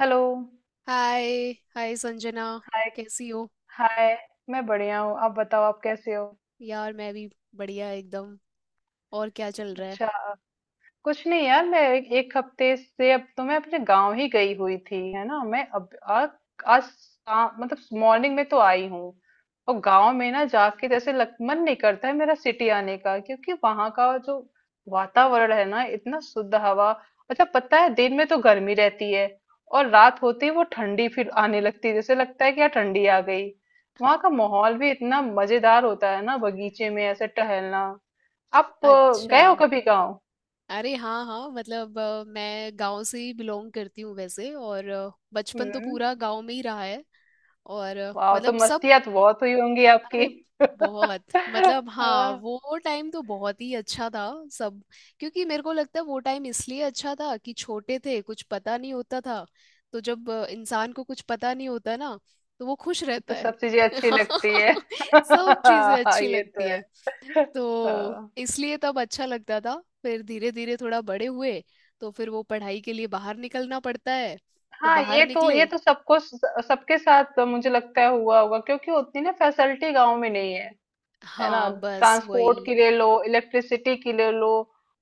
Hello. Hi hi Sanjana. Hi कैसी हो? Hi. मैं बढ़िया हूँ। आप बताओ आप कैसे हो? यार, मैं भी बढ़िया एकदम। और क्या चल रहा है? अच्छा। कुछ नहीं यार, मैं एक हफ्ते से, अब तो मैं अपने गांव ही गई हुई थी, है ना। मैं अब आज मतलब मॉर्निंग में तो आई हूँ। और गांव में ना जाके जैसे मन नहीं करता है मेरा सिटी आने का, क्योंकि वहां का जो वातावरण है ना, इतना शुद्ध हवा। अच्छा पता है, दिन में तो गर्मी रहती है और रात होती है वो ठंडी, फिर आने लगती है। जैसे लगता है कि यार ठंडी आ गई। वहां का माहौल भी इतना मजेदार होता है ना, बगीचे में ऐसे टहलना। आप अच्छा। गए हो कभी गाँव? अरे हाँ हाँ, मतलब मैं गांव से ही बिलोंग करती हूँ वैसे। और बचपन तो हम्म। पूरा गांव में ही रहा है। और वाह, तो मतलब सब। मस्तियाँ तो बहुत हुई होंगी आपकी। अरे बहुत। मतलब हाँ, हाँ। वो टाइम तो बहुत ही अच्छा था। सब। क्योंकि मेरे को लगता है वो टाइम इसलिए अच्छा था कि छोटे थे, कुछ पता नहीं होता था। तो जब इंसान को कुछ पता नहीं होता ना, तो वो खुश रहता तो है सब चीजें अच्छी लगती है। सब चीजें हाँ, अच्छी ये लगती तो है। हैं। तो हाँ। इसलिए तब अच्छा लगता था। फिर धीरे धीरे थोड़ा बड़े हुए, तो फिर वो पढ़ाई के लिए बाहर निकलना पड़ता है। तो हाँ, बाहर ये तो निकले। ये तो सबको सबके साथ मुझे लगता है हुआ होगा, क्योंकि उतनी ना फैसिलिटी गांव में नहीं है। है ना। हाँ बस ट्रांसपोर्ट वही। के लिए लो, इलेक्ट्रिसिटी के लिए लो।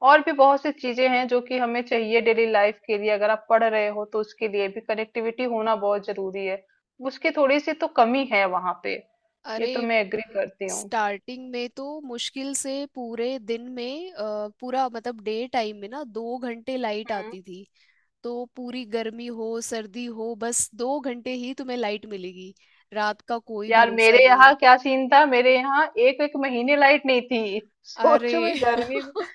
और भी बहुत सी चीजें हैं जो कि हमें चाहिए डेली लाइफ के लिए। अगर आप पढ़ रहे हो तो उसके लिए भी कनेक्टिविटी होना बहुत जरूरी है। उसकी थोड़ी सी तो कमी है वहां पे। ये अरे। तो मैं एग्री करती हूँ। स्टार्टिंग में तो मुश्किल से पूरे दिन में पूरा मतलब डे टाइम में ना 2 घंटे लाइट हम्म। आती थी। तो पूरी गर्मी हो सर्दी हो, बस 2 घंटे ही तुम्हें लाइट मिलेगी। रात का कोई यार भरोसा मेरे नहीं। यहाँ क्या सीन था, मेरे यहाँ एक एक महीने लाइट नहीं थी। सोचो अरे मैं गर्मी।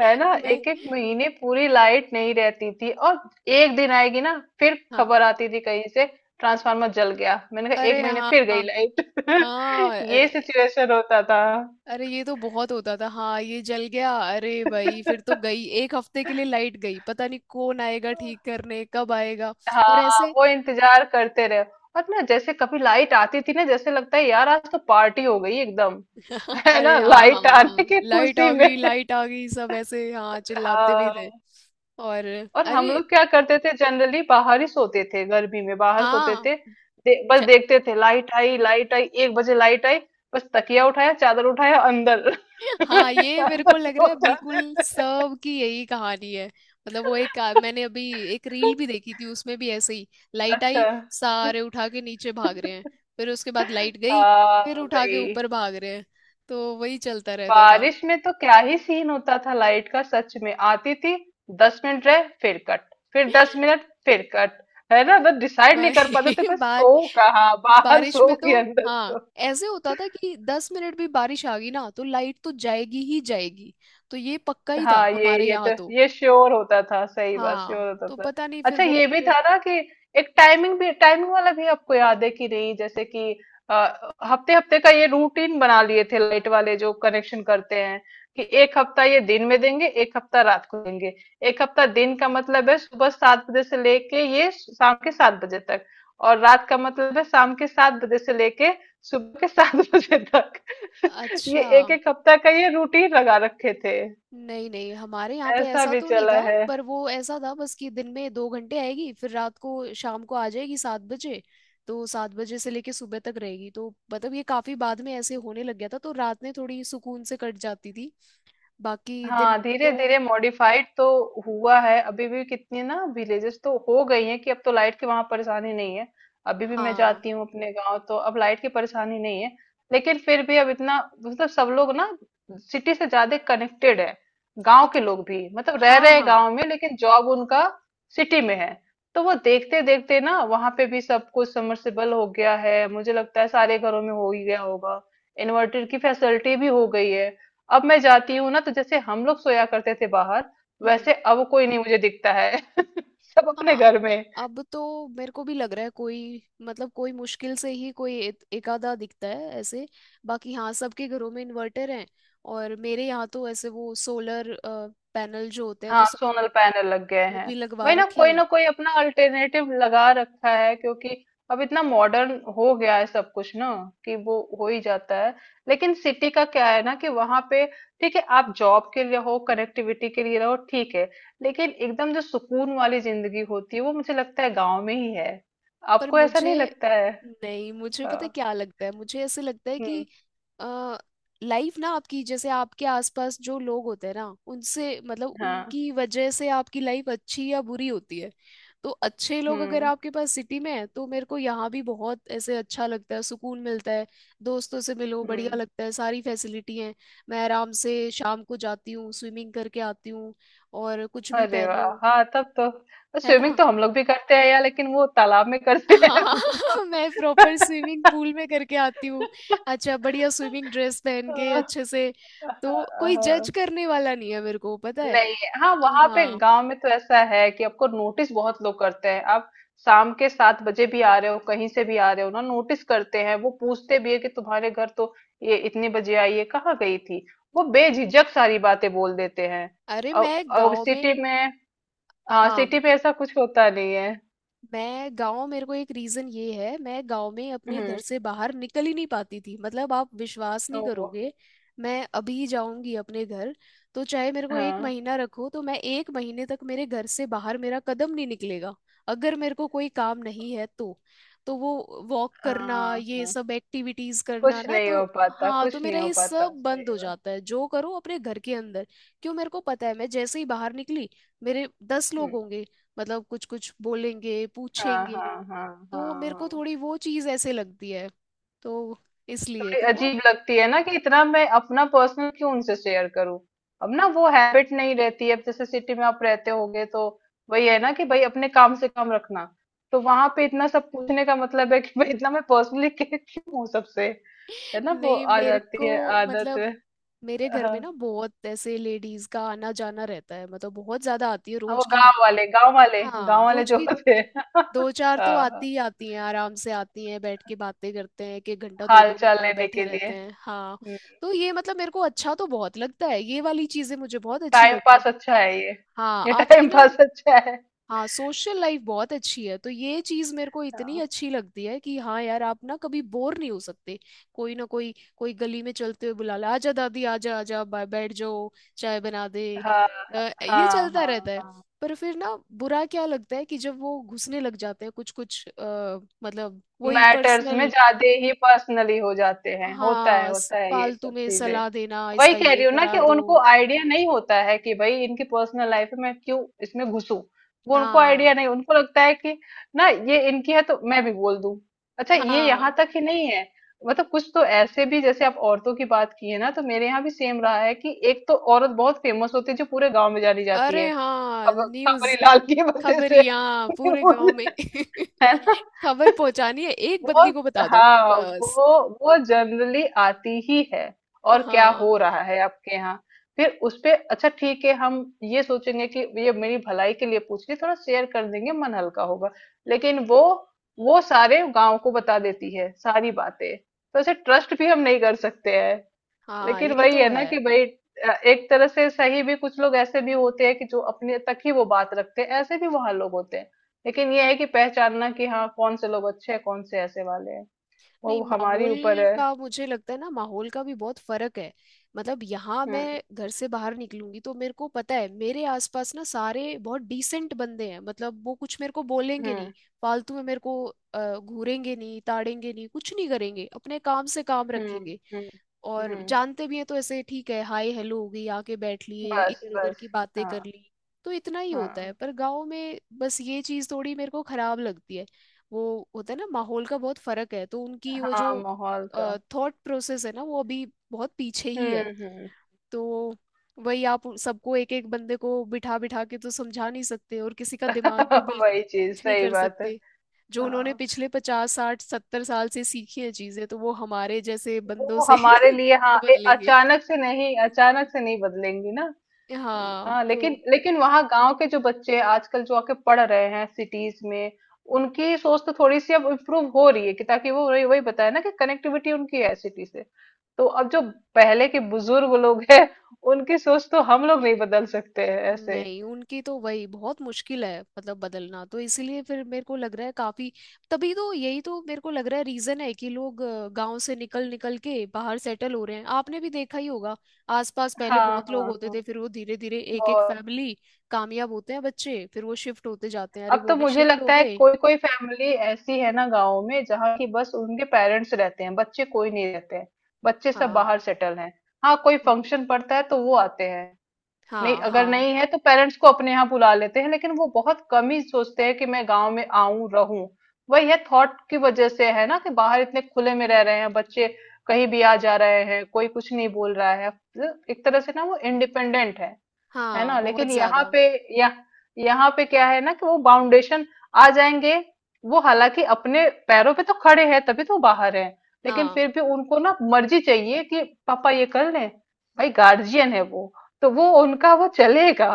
है ना, मैं। एक एक महीने पूरी लाइट नहीं रहती थी। और एक दिन आएगी ना, फिर हाँ। खबर आती थी कहीं से, ट्रांसफार्मर जल गया। मैंने कहा अरे एक महीने हाँ फिर गई हाँ। लाइट। हाँ, ये सिचुएशन होता था। अरे ये तो बहुत होता था। हाँ ये जल गया, अरे भाई फिर तो गई, एक हफ्ते के लिए लाइट गई, पता नहीं कौन आएगा ठीक करने, कब आएगा। और हाँ ऐसे। वो इंतजार करते रहे। और ना, जैसे कभी लाइट आती थी ना जैसे लगता है यार आज तो पार्टी हो गई एकदम। है ना, अरे हाँ हाँ लाइट आने हाँ। की खुशी में। लाइट आ गई सब ऐसे हाँ चिल्लाते भी थे। हाँ। और। और हम अरे लोग क्या करते थे, जनरली बाहर ही सोते थे, गर्मी में बाहर सोते हाँ। थे। बस च- देखते थे, लाइट आई लाइट आई, 1 बजे लाइट आई। बस तकिया उठाया, चादर उठाया, अंदर हाँ, ये मेरे अंदर को लग सो रहा है बिल्कुल जाते थे। सब की यही कहानी है। मतलब वो एक मैंने अभी एक रील भी देखी थी, उसमें भी ऐसे ही लाइट अच्छा आई सारे उठा के नीचे भाग रहे हैं। फिर उसके बाद लाइट गई, हाँ फिर उठा के भाई। ऊपर भाग रहे हैं। तो वही चलता रहता बारिश में तो क्या ही सीन होता था लाइट का, सच में आती थी, 10 मिनट रहे फिर कट, फिर था। 10 मिनट फिर कट। है ना, बस डिसाइड नहीं वही कर पाते थे, बस सो कहाँ, बाहर बारिश सो में तो। कि अंदर हाँ सो। ऐसे होता था कि 10 मिनट भी बारिश आ गई ना तो लाइट तो जाएगी ही जाएगी। तो ये पक्का ही था हाँ ये हमारे ये तो यहाँ तो। ये श्योर होता था, सही बात, हाँ श्योर होता तो था। पता नहीं फिर अच्छा ये बोलते भी थे। था ना कि एक टाइमिंग भी, टाइमिंग वाला भी आपको याद है कि नहीं, जैसे कि हफ्ते हफ्ते का ये रूटीन बना लिए थे लाइट वाले जो कनेक्शन करते हैं। कि एक हफ्ता ये दिन में देंगे, एक हफ्ता रात को देंगे। एक हफ्ता दिन का मतलब है सुबह 7 बजे से लेके ये शाम के 7 बजे तक। और रात का मतलब है शाम के 7 बजे से लेके सुबह के 7 बजे तक। ये अच्छा। एक एक हफ्ता का ये रूटीन लगा रखे थे। नहीं नहीं हमारे यहाँ पे ऐसा ऐसा भी तो नहीं चला था। है। पर वो ऐसा था बस कि दिन में 2 घंटे आएगी, फिर रात को शाम को आ जाएगी 7 बजे। तो 7 बजे से लेके सुबह तक रहेगी, तो मतलब ये काफी बाद में ऐसे होने लग गया था, तो रात में थोड़ी सुकून से कट जाती थी। बाकी दिन हाँ धीरे तो धीरे मॉडिफाइड तो हुआ है। अभी भी कितनी ना विलेजेस तो हो गई हैं कि अब तो लाइट की वहां परेशानी नहीं है। अभी भी मैं हाँ। जाती हूँ अपने गांव तो अब लाइट की परेशानी नहीं है। लेकिन फिर भी अब इतना मतलब सब लोग ना सिटी से ज्यादा कनेक्टेड है। गांव अब के लोग भी मतलब रह हाँ रहे हैं हाँ। गांव में लेकिन जॉब उनका सिटी में है। तो वो देखते देखते ना वहां पे भी सब कुछ समर्सिबल हो गया है, मुझे लगता है सारे घरों में हो ही गया होगा। इन्वर्टर की फैसिलिटी भी हो गई है। अब मैं जाती हूँ ना तो जैसे हम लोग सोया करते थे बाहर, हम्म। वैसे अब कोई नहीं मुझे दिखता है। सब अपने हाँ, घर में। अब तो मेरे को भी लग रहा है कोई, मतलब कोई मुश्किल से ही कोई एक एकाधा दिखता है ऐसे। बाकी हाँ सबके घरों में इन्वर्टर हैं। और मेरे यहाँ तो ऐसे वो सोलर पैनल जो होते हैं तो हाँ सबने सोलर पैनल लग गए वो हैं। भी लगवा वही ना, रखे कोई हैं। ना कोई अपना अल्टरनेटिव लगा रखा है, क्योंकि अब इतना मॉडर्न हो गया है सब कुछ ना, कि वो हो ही जाता है। लेकिन सिटी का क्या है ना कि वहां पे ठीक है, आप जॉब के लिए हो, कनेक्टिविटी के लिए रहो, ठीक है। लेकिन एकदम जो सुकून वाली जिंदगी होती है वो मुझे लगता है गांव में ही है। पर आपको ऐसा मुझे। नहीं लगता है? नहीं, मुझे पता है हाँ। क्या लगता है मुझे, ऐसे लगता है कि हम्म। आ, लाइफ ना आपकी, जैसे आपके आसपास जो लोग होते हैं ना उनसे, मतलब हाँ। उनकी वजह से आपकी लाइफ अच्छी या बुरी होती है। तो अच्छे लोग अगर हम्म। आपके पास सिटी में है, तो मेरे को यहाँ भी बहुत ऐसे अच्छा लगता है, सुकून मिलता है। दोस्तों से मिलो बढ़िया हम्म। लगता है, सारी फैसिलिटी है। मैं आराम से शाम को जाती हूँ, स्विमिंग करके आती हूँ, और कुछ भी अरे वाह, पहनूं, हाँ तब तो है स्विमिंग ना। तो हम लोग भी करते हैं यार, लेकिन वो तालाब में करते हैं हाँ हम मैं प्रॉपर स्विमिंग पूल में करके आती हूँ। अच्छा बढ़िया स्विमिंग ड्रेस पहन के तो। अच्छे से। तो कोई जज करने वाला नहीं है, मेरे को पता है। नहीं। हाँ वहां पे हाँ। गांव में तो ऐसा है कि आपको नोटिस बहुत लोग करते हैं। आप शाम के 7 बजे भी आ रहे हो, कहीं से भी आ रहे हो ना नोटिस करते हैं। वो पूछते भी है कि तुम्हारे घर तो, ये इतने बजे आई है, कहाँ गई थी। वो बेझिझक सारी बातें बोल देते हैं। अरे मैं अब गांव सिटी में। में, हाँ हाँ, सिटी में ऐसा कुछ होता नहीं है। मैं गांव, मेरे को एक रीजन ये है, मैं गांव में अपने घर हम्म। से बाहर निकल ही नहीं पाती थी, मतलब आप विश्वास नहीं ओ। करोगे। मैं अभी जाऊंगी अपने घर, तो चाहे मेरे को एक हाँ महीना रखो, तो मैं एक महीने तक मेरे घर से बाहर मेरा कदम नहीं निकलेगा, अगर मेरे को कोई काम नहीं है तो। तो वो वॉक करना हाँ ये हाँ। सब एक्टिविटीज करना कुछ ना, नहीं तो हो पाता, हाँ तो कुछ नहीं मेरा हो ये पाता, सब बंद सही हो बात। जाता है, जो करो अपने घर के अंदर। क्यों, मेरे को पता है मैं जैसे ही बाहर निकली, मेरे 10 लोग हम्म। होंगे, मतलब कुछ कुछ बोलेंगे हाँ पूछेंगे। हाँ हाँ। हाँ तो मेरे को हाँ। थोड़ी वो चीज ऐसे लगती है। तो इसलिए थोड़ी तो ना अजीब लगती है ना कि इतना मैं अपना पर्सनल क्यों उनसे शेयर करूं। अब ना वो हैबिट नहीं रहती है, अब जैसे सिटी में आप रहते होगे तो वही है ना कि भाई अपने काम से काम रखना। तो वहां पे इतना सब पूछने का मतलब है कि भाई, इतना मैं पर्सनली क्यों हूँ सबसे। है ना, वो नहीं आ मेरे जाती को। है आदत। मतलब मेरे घर में हाँ। ना बहुत ऐसे लेडीज का आना जाना रहता है, मतलब बहुत ज्यादा आती है हाँ, वो रोज की। गांव वाले गांव वाले हाँ गांव वाले रोज जो की होते हैं। दो चार तो आती हाँ, ही आती हैं, आराम से आती हैं, बैठ के बातें करते हैं, एक एक घंटा दो हाल दो चाल घंटा लेने बैठे के लिए। रहते हैं हाँ। तो ये मतलब मेरे को अच्छा तो बहुत लगता है, ये वाली चीजें मुझे बहुत अच्छी टाइम लगती है। पास अच्छा है ये। हाँ ये आपकी टाइम ना। पास अच्छा है। हाँ सोशल लाइफ बहुत अच्छी है, तो ये चीज मेरे को इतनी हाँ अच्छी लगती है कि हाँ यार आप ना कभी बोर नहीं हो सकते। कोई ना कोई कोई गली में चलते हुए बुला ले, आजा दादी आजा आजा बैठ जाओ, चाय बना दे। हाँ ये हाँ चलता हाँ रहता है। हाँ। पर फिर ना बुरा क्या लगता है कि जब वो घुसने लग जाते हैं कुछ कुछ मतलब वही मैटर्स में पर्सनल। ज्यादा ही पर्सनली हो जाते हैं, हाँ, होता है ये फालतू सब में चीजें। सलाह देना, वही इसका कह ये रही हूँ ना कि करा दो। उनको आइडिया नहीं होता है कि भाई, इनकी पर्सनल लाइफ में मैं क्यों इसमें घुसूं। वो उनको आइडिया हाँ नहीं, उनको लगता है कि ना ये इनकी है तो मैं भी बोल दूं। अच्छा ये हाँ। यहाँ तक ही नहीं है, मतलब कुछ तो ऐसे भी, जैसे आप औरतों की बात की है ना, तो मेरे यहाँ भी सेम रहा है कि एक तो औरत बहुत फेमस होती है जो पूरे गांव में जानी जाती है अरे हाँ खबर न्यूज, खबरीलाल की वजह से। खबरिया पूरे गांव में है ना। खबर पहुंचानी है एक वो। बंदी को बता दो हाँ बस। वो जनरली आती ही है, और क्या हाँ हो रहा है आपके यहाँ। फिर उस पे अच्छा ठीक है, हम ये सोचेंगे कि ये मेरी भलाई के लिए पूछ रही है, थोड़ा शेयर कर देंगे, मन हल्का होगा। लेकिन वो सारे गांव को बता देती है सारी बातें, तो ऐसे ट्रस्ट भी हम नहीं कर सकते हैं। हाँ लेकिन ये वही तो है ना है। कि भाई एक तरह से सही भी, कुछ लोग ऐसे भी होते हैं कि जो अपने तक ही वो बात रखते हैं, ऐसे भी वहां लोग होते हैं। लेकिन ये है कि पहचानना कि हाँ कौन से लोग अच्छे हैं, कौन से ऐसे वाले हैं, नहीं वो हमारी माहौल ऊपर है। का, मुझे लगता है ना माहौल का भी बहुत फर्क है। मतलब यहाँ हम्म। मैं घर से बाहर निकलूंगी तो मेरे को पता है मेरे आसपास ना सारे बहुत डिसेंट बंदे हैं, मतलब वो कुछ मेरे को बोलेंगे नहीं, हम्म। फालतू में मेरे को घूरेंगे नहीं ताड़ेंगे नहीं कुछ नहीं करेंगे, अपने काम से काम हम्म। रखेंगे। हम्म। और हम्म, जानते भी हैं तो ऐसे ठीक है हाय हेलो हो गई, आके बैठ लिए बस इधर उधर बस। की बातें कर हाँ। ली। तो इतना ही होता है। हाँ पर गांव में बस ये चीज थोड़ी मेरे को खराब लगती है। वो होता है ना, माहौल का बहुत फर्क है, तो उनकी वो हाँ जो माहौल का। थॉट प्रोसेस है ना वो अभी बहुत पीछे ही हम्म। है। हम्म। तो वही आप उन सबको एक एक बंदे को बिठा बिठा के तो समझा नहीं सकते, और किसी का दिमाग तो बिल्कुल वही चीज, कुछ नहीं सही कर बात है। सकते। जो उन्होंने हाँ पिछले 50 60 70 साल से सीखी है चीजें, तो वो हमारे जैसे बंदों वो से हमारे लिए हाँ कैसे बदलेंगे? अचानक से नहीं, अचानक से नहीं बदलेंगी ना। हाँ हाँ लेकिन तो। लेकिन वहाँ गांव के जो बच्चे आजकल जो आके पढ़ रहे हैं सिटीज में, उनकी सोच तो थोड़ी सी अब इम्प्रूव हो रही है, कि ताकि वो वही वही बताया ना कि कनेक्टिविटी उनकी है सिटी से। तो अब जो पहले के बुजुर्ग लोग हैं उनकी सोच तो हम लोग नहीं बदल सकते हैं ऐसे। नहीं उनकी तो वही बहुत मुश्किल है मतलब बदलना, तो इसीलिए फिर मेरे को लग रहा है काफी। तभी तो यही तो मेरे को लग रहा है रीजन है कि लोग गांव से निकल निकल के बाहर सेटल हो रहे हैं, आपने भी देखा ही होगा। आसपास पहले हाँ बहुत लोग हाँ होते थे, हाँ फिर वो धीरे धीरे एक एक बहुत। फैमिली कामयाब होते हैं बच्चे, फिर वो शिफ्ट होते जाते हैं, अरे अब वो तो भी मुझे शिफ्ट हो लगता है गए। कोई कोई फैमिली ऐसी है ना गाँव में जहाँ की बस उनके पेरेंट्स रहते हैं, बच्चे कोई नहीं रहते हैं। बच्चे सब हाँ बाहर सेटल हैं। हाँ कोई हाँ फंक्शन पड़ता है तो वो आते हैं। नहीं, हाँ। अगर हाँ नहीं है तो पेरेंट्स को अपने यहाँ बुला लेते हैं, लेकिन वो बहुत कम ही सोचते हैं कि मैं गांव में आऊं रहूं। वही है थॉट की वजह से, है ना कि बाहर इतने खुले में रह रहे हैं बच्चे, कहीं भी आ जा रहे हैं, कोई कुछ नहीं बोल रहा है। एक तरह से ना वो इंडिपेंडेंट है। है हाँ ना। बहुत लेकिन यहाँ ज्यादा। पे यह यहाँ पे क्या है ना कि वो बाउंडेशन आ जाएंगे। वो हालांकि अपने पैरों पे तो खड़े हैं, तभी तो बाहर हैं। लेकिन हाँ फिर भी उनको ना मर्जी चाहिए कि पापा ये कर लें, भाई गार्जियन है वो, तो वो उनका वो चलेगा।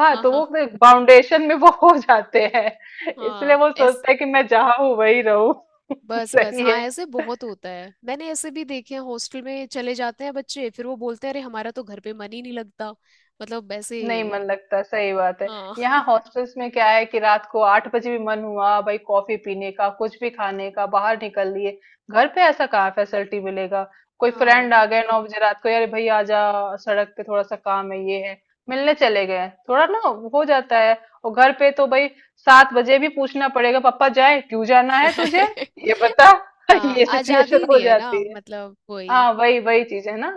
हाँ हाँ तो वो हाँ। बाउंडेशन में वो हो जाते हैं। इसलिए हाँ वो सोचते हैं कि मैं जहाँ हूँ वही रहूँ। बस बस सही हाँ, है। ऐसे बहुत होता है, मैंने ऐसे भी देखे हैं हॉस्टल में चले जाते हैं बच्चे, फिर वो बोलते हैं अरे हमारा तो घर पे मन ही नहीं लगता, मतलब ऐसे। नहीं मन लगता, सही बात है। हाँ यहाँ हॉस्टल्स में क्या है कि रात को 8 बजे भी मन हुआ भाई कॉफी पीने का कुछ भी खाने का, बाहर निकल लिए। घर पे ऐसा कहाँ फैसिलिटी मिलेगा। कोई हाँ फ्रेंड आ गए 9 बजे रात को, यार भाई आ जा, सड़क पे थोड़ा सा काम है ये है, मिलने चले गए थोड़ा ना, हो जाता है। और घर पे तो भाई 7 बजे भी पूछना पड़ेगा, पापा जाए क्यों, जाना है तुझे, ये बता। हाँ ये आजादी ही सिचुएशन नहीं हो है ना जाती। मतलब वही। हाँ वही वही चीज है ना।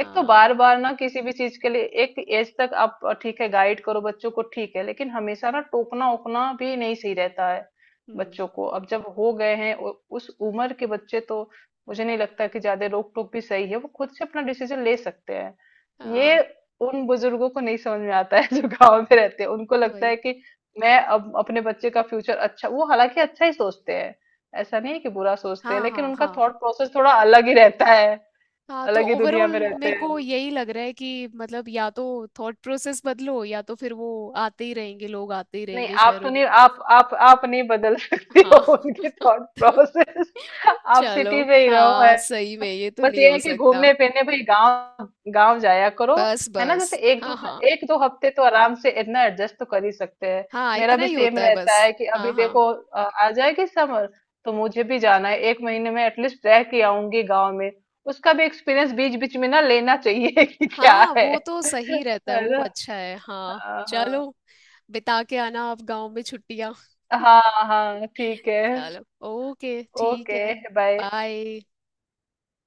एक तो बार हाँ। बार ना किसी भी चीज के लिए, एक एज तक आप ठीक है गाइड करो बच्चों को ठीक है, लेकिन हमेशा ना टोकना ओकना भी नहीं सही रहता है। हम्म। बच्चों को अब जब हो गए हैं उस उम्र के बच्चे तो, मुझे नहीं लगता कि ज्यादा रोक टोक भी सही है, वो खुद से अपना डिसीजन ले सकते हैं हाँ ये। उन बुजुर्गों को नहीं समझ में आता है जो गांव में रहते हैं। उनको लगता वही। है कि मैं अब अपने बच्चे का फ्यूचर अच्छा वो हालांकि अच्छा ही सोचते हैं, ऐसा नहीं है कि बुरा सोचते हैं, हाँ लेकिन हाँ उनका हाँ। थॉट प्रोसेस थोड़ा अलग ही रहता है। हाँ तो अलग ही दुनिया ओवरऑल में रहते मेरे हैं को वो। यही लग रहा है कि मतलब या तो थॉट प्रोसेस बदलो या तो फिर वो आते ही रहेंगे लोग, आते ही नहीं रहेंगे आप तो शहरों की नहीं, तरफ। आप नहीं बदल सकती हो हाँ उनकी थॉट प्रोसेस। आप चलो। सिटी में ही रहो है। हाँ सही में ये तो बस नहीं ये हो है कि सकता। घूमने फिरने भाई गांव, गांव जाया करो। बस है ना, जैसे बस एक हाँ दो हाँ एक दो हफ्ते तो आराम से इतना एडजस्ट तो कर ही सकते हैं। हाँ मेरा इतना भी ही सेम होता है रहता बस। है कि हाँ अभी हाँ देखो आ जाएगी समर, तो मुझे भी जाना है एक महीने में एटलीस्ट रह के आऊंगी गांव में। उसका भी एक्सपीरियंस बीच बीच में ना लेना चाहिए कि क्या हाँ है। वो तो सही रहता है, है वो ना। अच्छा है हाँ। हाँ हाँ चलो बिता के आना आप गांव में छुट्टियाँ हाँ। हाँ ठीक है। चलो। ओके ठीक ओके है। बाय। बाय।